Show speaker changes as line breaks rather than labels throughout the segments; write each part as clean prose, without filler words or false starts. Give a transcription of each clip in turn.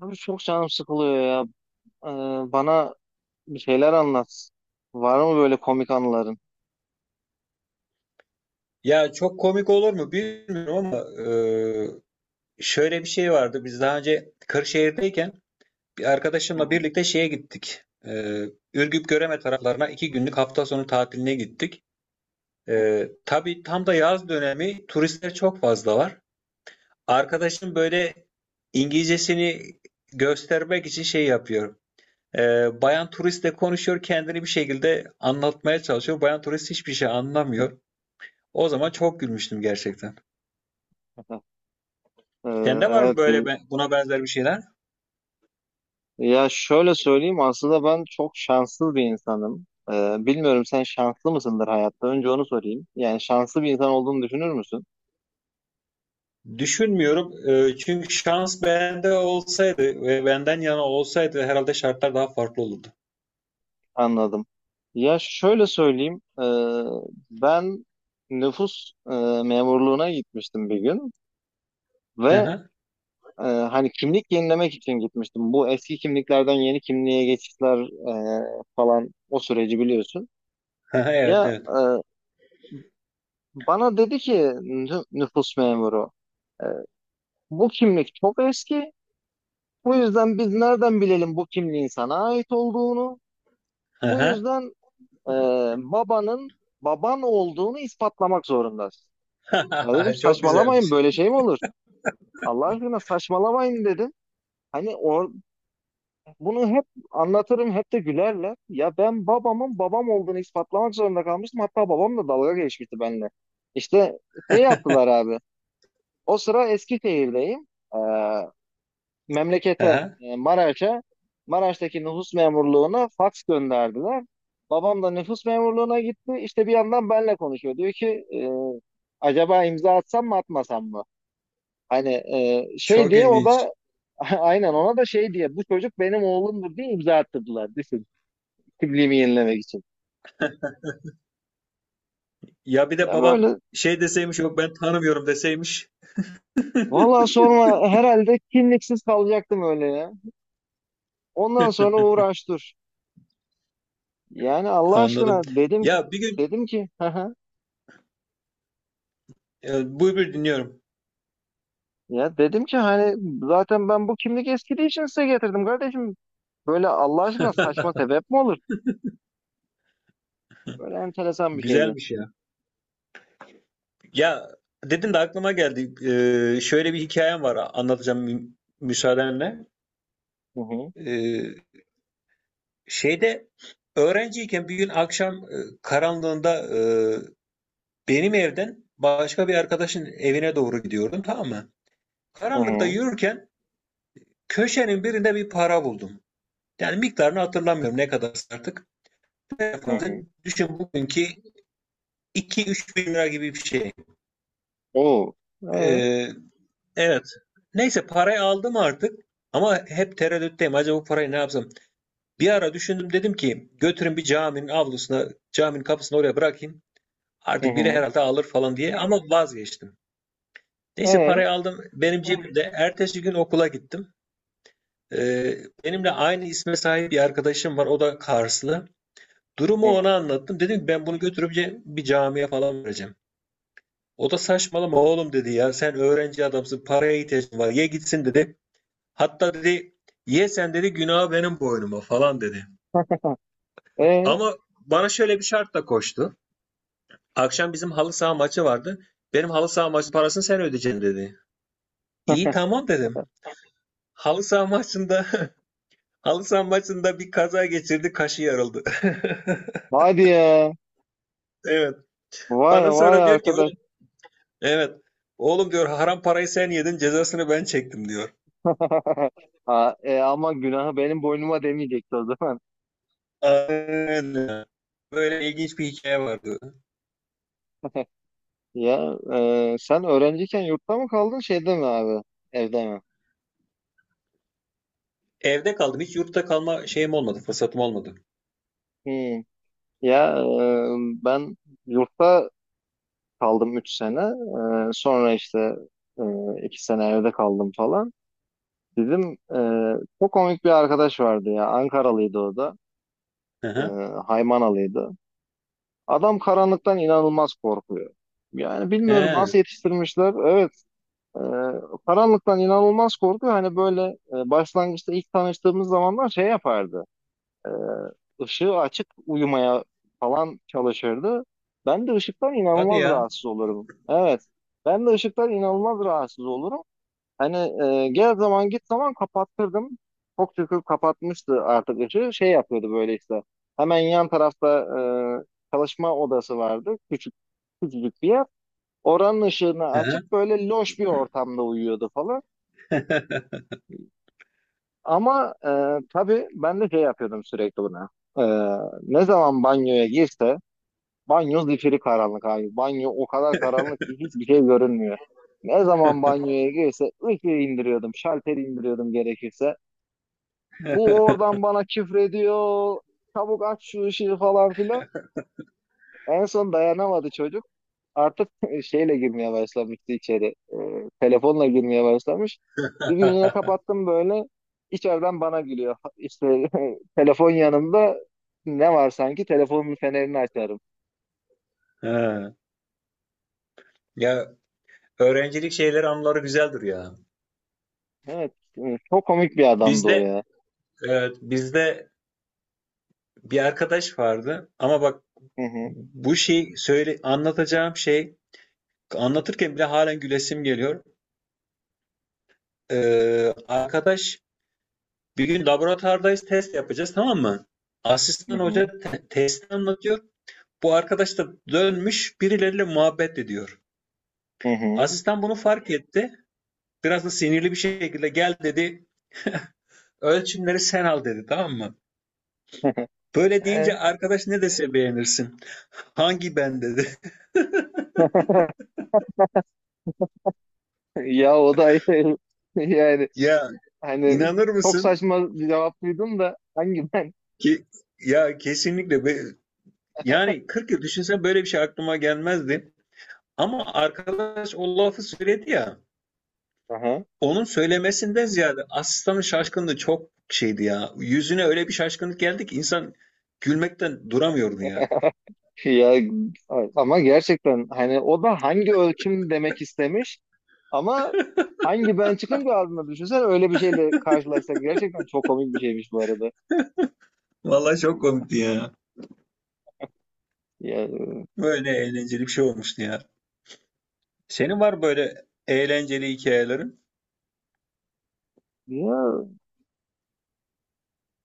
Abi çok canım sıkılıyor ya. Bana bir şeyler anlat. Var mı böyle komik anıların?
Ya çok komik olur mu bilmiyorum ama e, şöyle bir şey vardı. Biz daha önce Kırşehir'deyken bir
Hı
arkadaşımla
hı,
birlikte şeye gittik. Ürgüp Göreme taraflarına iki günlük hafta sonu tatiline gittik.
hı
Tabii tam da yaz dönemi turistler çok fazla var. Arkadaşım böyle İngilizcesini göstermek için şey yapıyor. E, Bayan turistle konuşuyor, kendini bir şekilde anlatmaya çalışıyor. Bayan turist hiçbir şey anlamıyor. O zaman çok gülmüştüm gerçekten.
hı. Ee,
Sende var mı
evet.
böyle buna benzer bir şeyler?
Ya şöyle söyleyeyim, aslında ben çok şanssız bir insanım. Bilmiyorum, sen şanslı mısındır hayatta? Önce onu sorayım. Yani şanslı bir insan olduğunu düşünür müsün?
Düşünmüyorum. Çünkü şans bende olsaydı ve benden yana olsaydı herhalde şartlar daha farklı olurdu.
Anladım. Ya şöyle söyleyeyim. Ben nüfus memurluğuna gitmiştim bir gün ve
Aha.
Hani kimlik yenilemek için gitmiştim. Bu eski kimliklerden yeni kimliğe geçişler falan, o süreci biliyorsun.
Aha, evet
Ya
evet.
bana dedi ki nüfus memuru, e, bu kimlik çok eski. Bu yüzden biz nereden bilelim bu kimliğin sana ait olduğunu? Bu
Aha.
yüzden e, babanın baban olduğunu ispatlamak zorundasın. Ya dedim,
Çok
saçmalamayın,
güzelmiş.
böyle şey mi olur? Allah aşkına saçmalamayın dedim. Hani or bunu hep anlatırım, hep de gülerler. Ya ben babamın babam olduğunu ispatlamak zorunda kalmıştım. Hatta babam da dalga geçmişti benimle. İşte şey yaptılar abi. O sıra Eskişehir'deyim. Ee, memlekete,
Aha.
e, Maraş'a, Maraş'taki nüfus memurluğuna fax gönderdiler. Babam da nüfus memurluğuna gitti. İşte bir yandan benle konuşuyor. Diyor ki e, acaba imza atsam mı atmasam mı? Hani şey
Çok
diye, o
ilginç.
da aynen, ona da şey diye bu çocuk benim oğlumdur diye imza attırdılar, kimliğimi yenilemek için.
Ya bir de
Ya
baban
böyle
şey deseymiş, yok ben tanımıyorum deseymiş.
valla sonra herhalde kimliksiz kalacaktım, öyle ya. Ondan sonra uğraş dur. Yani Allah aşkına
Anladım.
dedim ki
Ya bir gün
dedim ki haha.
buyur buyur dinliyorum.
Ya dedim ki hani zaten ben bu kimlik eskidiği için size getirdim kardeşim. Böyle Allah aşkına saçma sebep mi olur? Böyle enteresan bir şeydi.
Güzelmiş ya. Ya dedin de aklıma geldi. Şöyle bir hikayem var, anlatacağım müsaadenle.
Hı hı.
Ee, Şeyde öğrenciyken bir gün akşam karanlığında benim evden başka bir arkadaşın evine doğru gidiyordum, tamam mı?
Hı
Karanlıkta
hı.
yürürken köşenin birinde bir para buldum. Yani miktarını hatırlamıyorum ne kadar artık. Ne
Hı
kadar?
hı.
Düşün bugünkü 2-3 bin lira gibi bir şey.
Oo. Ee,
Ee, Evet. Neyse parayı aldım artık ama hep tereddütteyim. Acaba bu parayı ne yapsam? Bir ara düşündüm, dedim ki götürün bir caminin avlusuna, caminin kapısına oraya bırakayım.
hı
Artık biri
hı.
herhalde alır falan diye, ama vazgeçtim. Neyse
Ee,
parayı aldım benim cebimde. Ertesi gün okula gittim. Ee, Benimle aynı isme sahip bir arkadaşım var. O da Karslı.
hı
Durumu
hı.
ona anlattım. Dedim ki ben bunu götürüp bir camiye falan vereceğim. O da saçmalama oğlum dedi ya. Sen öğrenci adamsın. Paraya ihtiyacın var. Ye gitsin dedi. Hatta dedi ye sen dedi, günah benim boynuma falan dedi.
Ee.
Ama bana şöyle bir şartla koştu. Akşam bizim halı saha maçı vardı. Benim halı saha maçı parasını sen ödeyeceksin dedi. İyi tamam dedim. Halı saha maçında halı saha maçında bir kaza geçirdi, kaşı yarıldı.
Hadi ya.
Evet.
Vay
Bana
vay
sonra diyor ki
arkadaş.
oğlum, evet. Oğlum diyor haram parayı sen yedin, cezasını ben çektim diyor.
Ha, e, ama günahı benim boynuma demeyecekti o zaman.
Aynen. Böyle ilginç bir hikaye vardı.
Ya sen öğrenciyken yurtta mı kaldın şeyde mi abi? Evde mi?
Evde kaldım. Hiç yurtta kalma şeyim olmadı, fırsatım olmadı.
Hmm. Ya ben yurtta kaldım 3 sene. Sonra işte e, 2 sene evde kaldım falan. Bizim çok komik bir arkadaş vardı ya. Ankaralıydı o da.
Hı
E,
hı.
Haymanalıydı. Adam karanlıktan inanılmaz korkuyor. Yani bilmiyorum
He,
nasıl yetiştirmişler. Evet. Ee, Karanlıktan inanılmaz korkuyor. Hani böyle başlangıçta ilk tanıştığımız zamanlar şey yapardı. Ee, ışığı açık uyumaya falan çalışırdı. Ben de ışıktan
hadi
inanılmaz
ya.
rahatsız olurum. Evet. Ben de ışıktan inanılmaz rahatsız olurum. Hani gel zaman git zaman kapattırdım. Çok şükür kapatmıştı artık ışığı. Şey yapıyordu böyle işte. Hemen yan tarafta çalışma odası vardı. Küçük, küçücük bir yer, oranın ışığını
He.
açıp böyle loş bir ortamda uyuyordu falan. Ama tabii ben de şey yapıyordum sürekli buna. E, Ne zaman banyoya girse, banyo zifiri karanlık abi. Banyo o kadar karanlık ki hiçbir şey görünmüyor. Ne zaman banyoya girse ışığı indiriyordum, şalteri indiriyordum gerekirse. Bu oradan bana küfrediyor, çabuk aç şu ışığı falan filan. En son dayanamadı çocuk. Artık şeyle girmeye başlamıştı içeri. Telefonla girmeye başlamış. Bir gün yine kapattım böyle. İçeriden bana gülüyor. İşte telefon yanımda, ne var sanki, telefonun fenerini açarım.
He. Ya öğrencilik şeyleri anıları güzeldir ya.
Evet. Çok komik bir adamdı o
Bizde
ya.
evet, bizde bir arkadaş vardı ama bak
Hı hı.
bu şey söyle anlatacağım şey anlatırken bile halen gülesim geliyor. Arkadaş bir gün laboratuvardayız, test yapacağız, tamam mı?
Hı
Asistan hoca
hı.
testi anlatıyor. Bu arkadaş da dönmüş birileriyle muhabbet ediyor.
Hı hı.
Asistan bunu fark etti. Biraz da sinirli bir şekilde gel dedi. Ölçümleri sen al dedi, tamam mı? Böyle deyince
E,
arkadaş ne dese beğenirsin. Hangi ben dedi.
ya o da yani
Ya
hani
inanır
çok
mısın
saçma bir cevap duydum da, hangi ben?
ki ya kesinlikle yani 40 yıl düşünsen böyle bir şey aklıma gelmezdi. Ama arkadaş o lafı söyledi ya.
Aha.
Onun söylemesinden ziyade asistanın şaşkınlığı çok şeydi ya. Yüzüne öyle bir şaşkınlık geldi ki insan gülmekten duramıyordu ya.
Ya evet, ama gerçekten hani o da hangi ölçüm demek istemiş ama hangi ben çıkın bir ağzına düşünsen, öyle bir şeyle karşılaşsak gerçekten çok komik bir şeymiş bu arada.
Vallahi çok komikti ya.
Ya,
Böyle eğlenceli bir şey olmuştu ya. Senin var böyle eğlenceli hikayelerin?
ya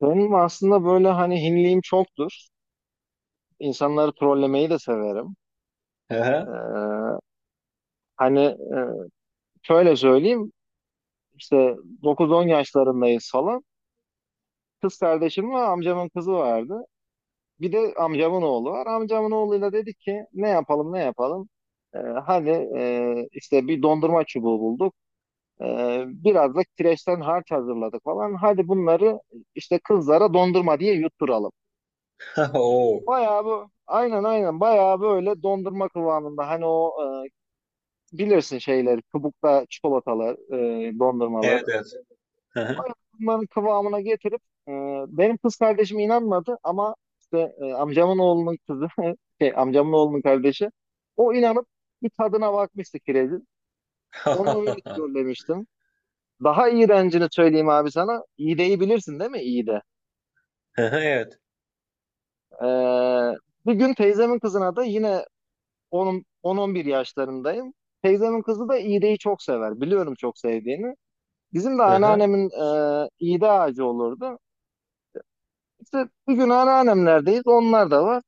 benim aslında böyle hani hinliğim çoktur. İnsanları trollemeyi de severim. Ee,
Hı
hani şöyle söyleyeyim, işte 9-10 yaşlarındayız falan. Kız kardeşim ve amcamın kızı vardı. Bir de amcamın oğlu var. Amcamın oğluyla dedik ki ne yapalım, ne yapalım. Hadi işte bir dondurma çubuğu bulduk. Biraz da kireçten harç hazırladık falan. Hadi bunları işte kızlara dondurma diye yutturalım.
Oo.
Bayağı bu aynen aynen bayağı böyle dondurma kıvamında, hani o e, bilirsin şeyleri, kabukta çikolatalar,
Evet
dondurmaları.
evet. Hı hı.
Bunların kıvamına getirip e, benim kız kardeşim inanmadı ama işte amcamın oğlunun kızı şey amcamın oğlunun kardeşi, o inanıp bir tadına bakmıştı kirezin. Onu öyle söylemiştim. Daha iğrencini söyleyeyim abi sana. İğdeyi bilirsin değil mi? İğde.
Evet.
E, Bir gün teyzemin kızına da yine, onun 10-11 yaşlarındayım. Teyzemin kızı da iğdeyi çok sever. Biliyorum çok sevdiğini. Bizim de
Hı
anneannemin iğde ağacı olurdu. İşte bir gün anneannemlerdeyiz. Onlar da var.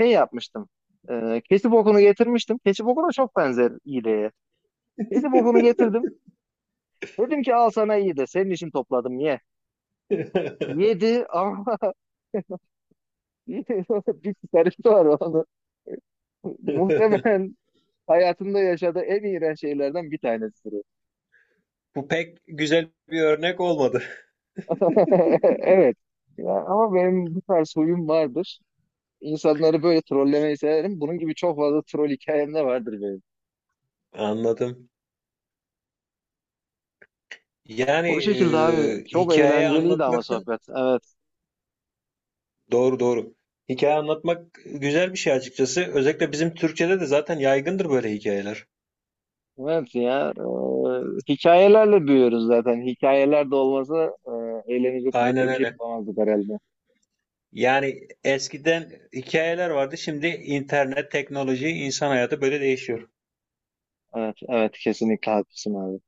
Şey yapmıştım. Keçi bokunu getirmiştim. Keçi bokuna çok benzer iğneye. Keçi bokunu getirdim. Dedim ki al sana iyi de senin için topladım, ye. Yedi ama bir çıkarısı var onu. Muhtemelen hayatımda yaşadığı en iğrenç şeylerden bir tanesidir.
Bu pek güzel bir örnek olmadı.
Evet. Ya, ama benim bu tarz huyum vardır. İnsanları böyle trollemeyi severim. Bunun gibi çok fazla troll hikayem de vardır benim.
Anladım. Yani
O şekilde abi. Çok
hikaye
eğlenceliydi ama
anlatmak da
sohbet. Evet.
doğru doğru. Hikaye anlatmak güzel bir şey açıkçası. Özellikle bizim Türkçe'de de zaten yaygındır böyle hikayeler.
Evet ya. Hikayelerle büyüyoruz zaten. Hikayeler de olmasa eğlenecek başka
Aynen
bir şey
öyle.
bulamazdık herhalde.
Yani eskiden hikayeler vardı. Şimdi internet, teknoloji, insan hayatı böyle değişiyor.
Evet, evet kesinlikle haklısın abi.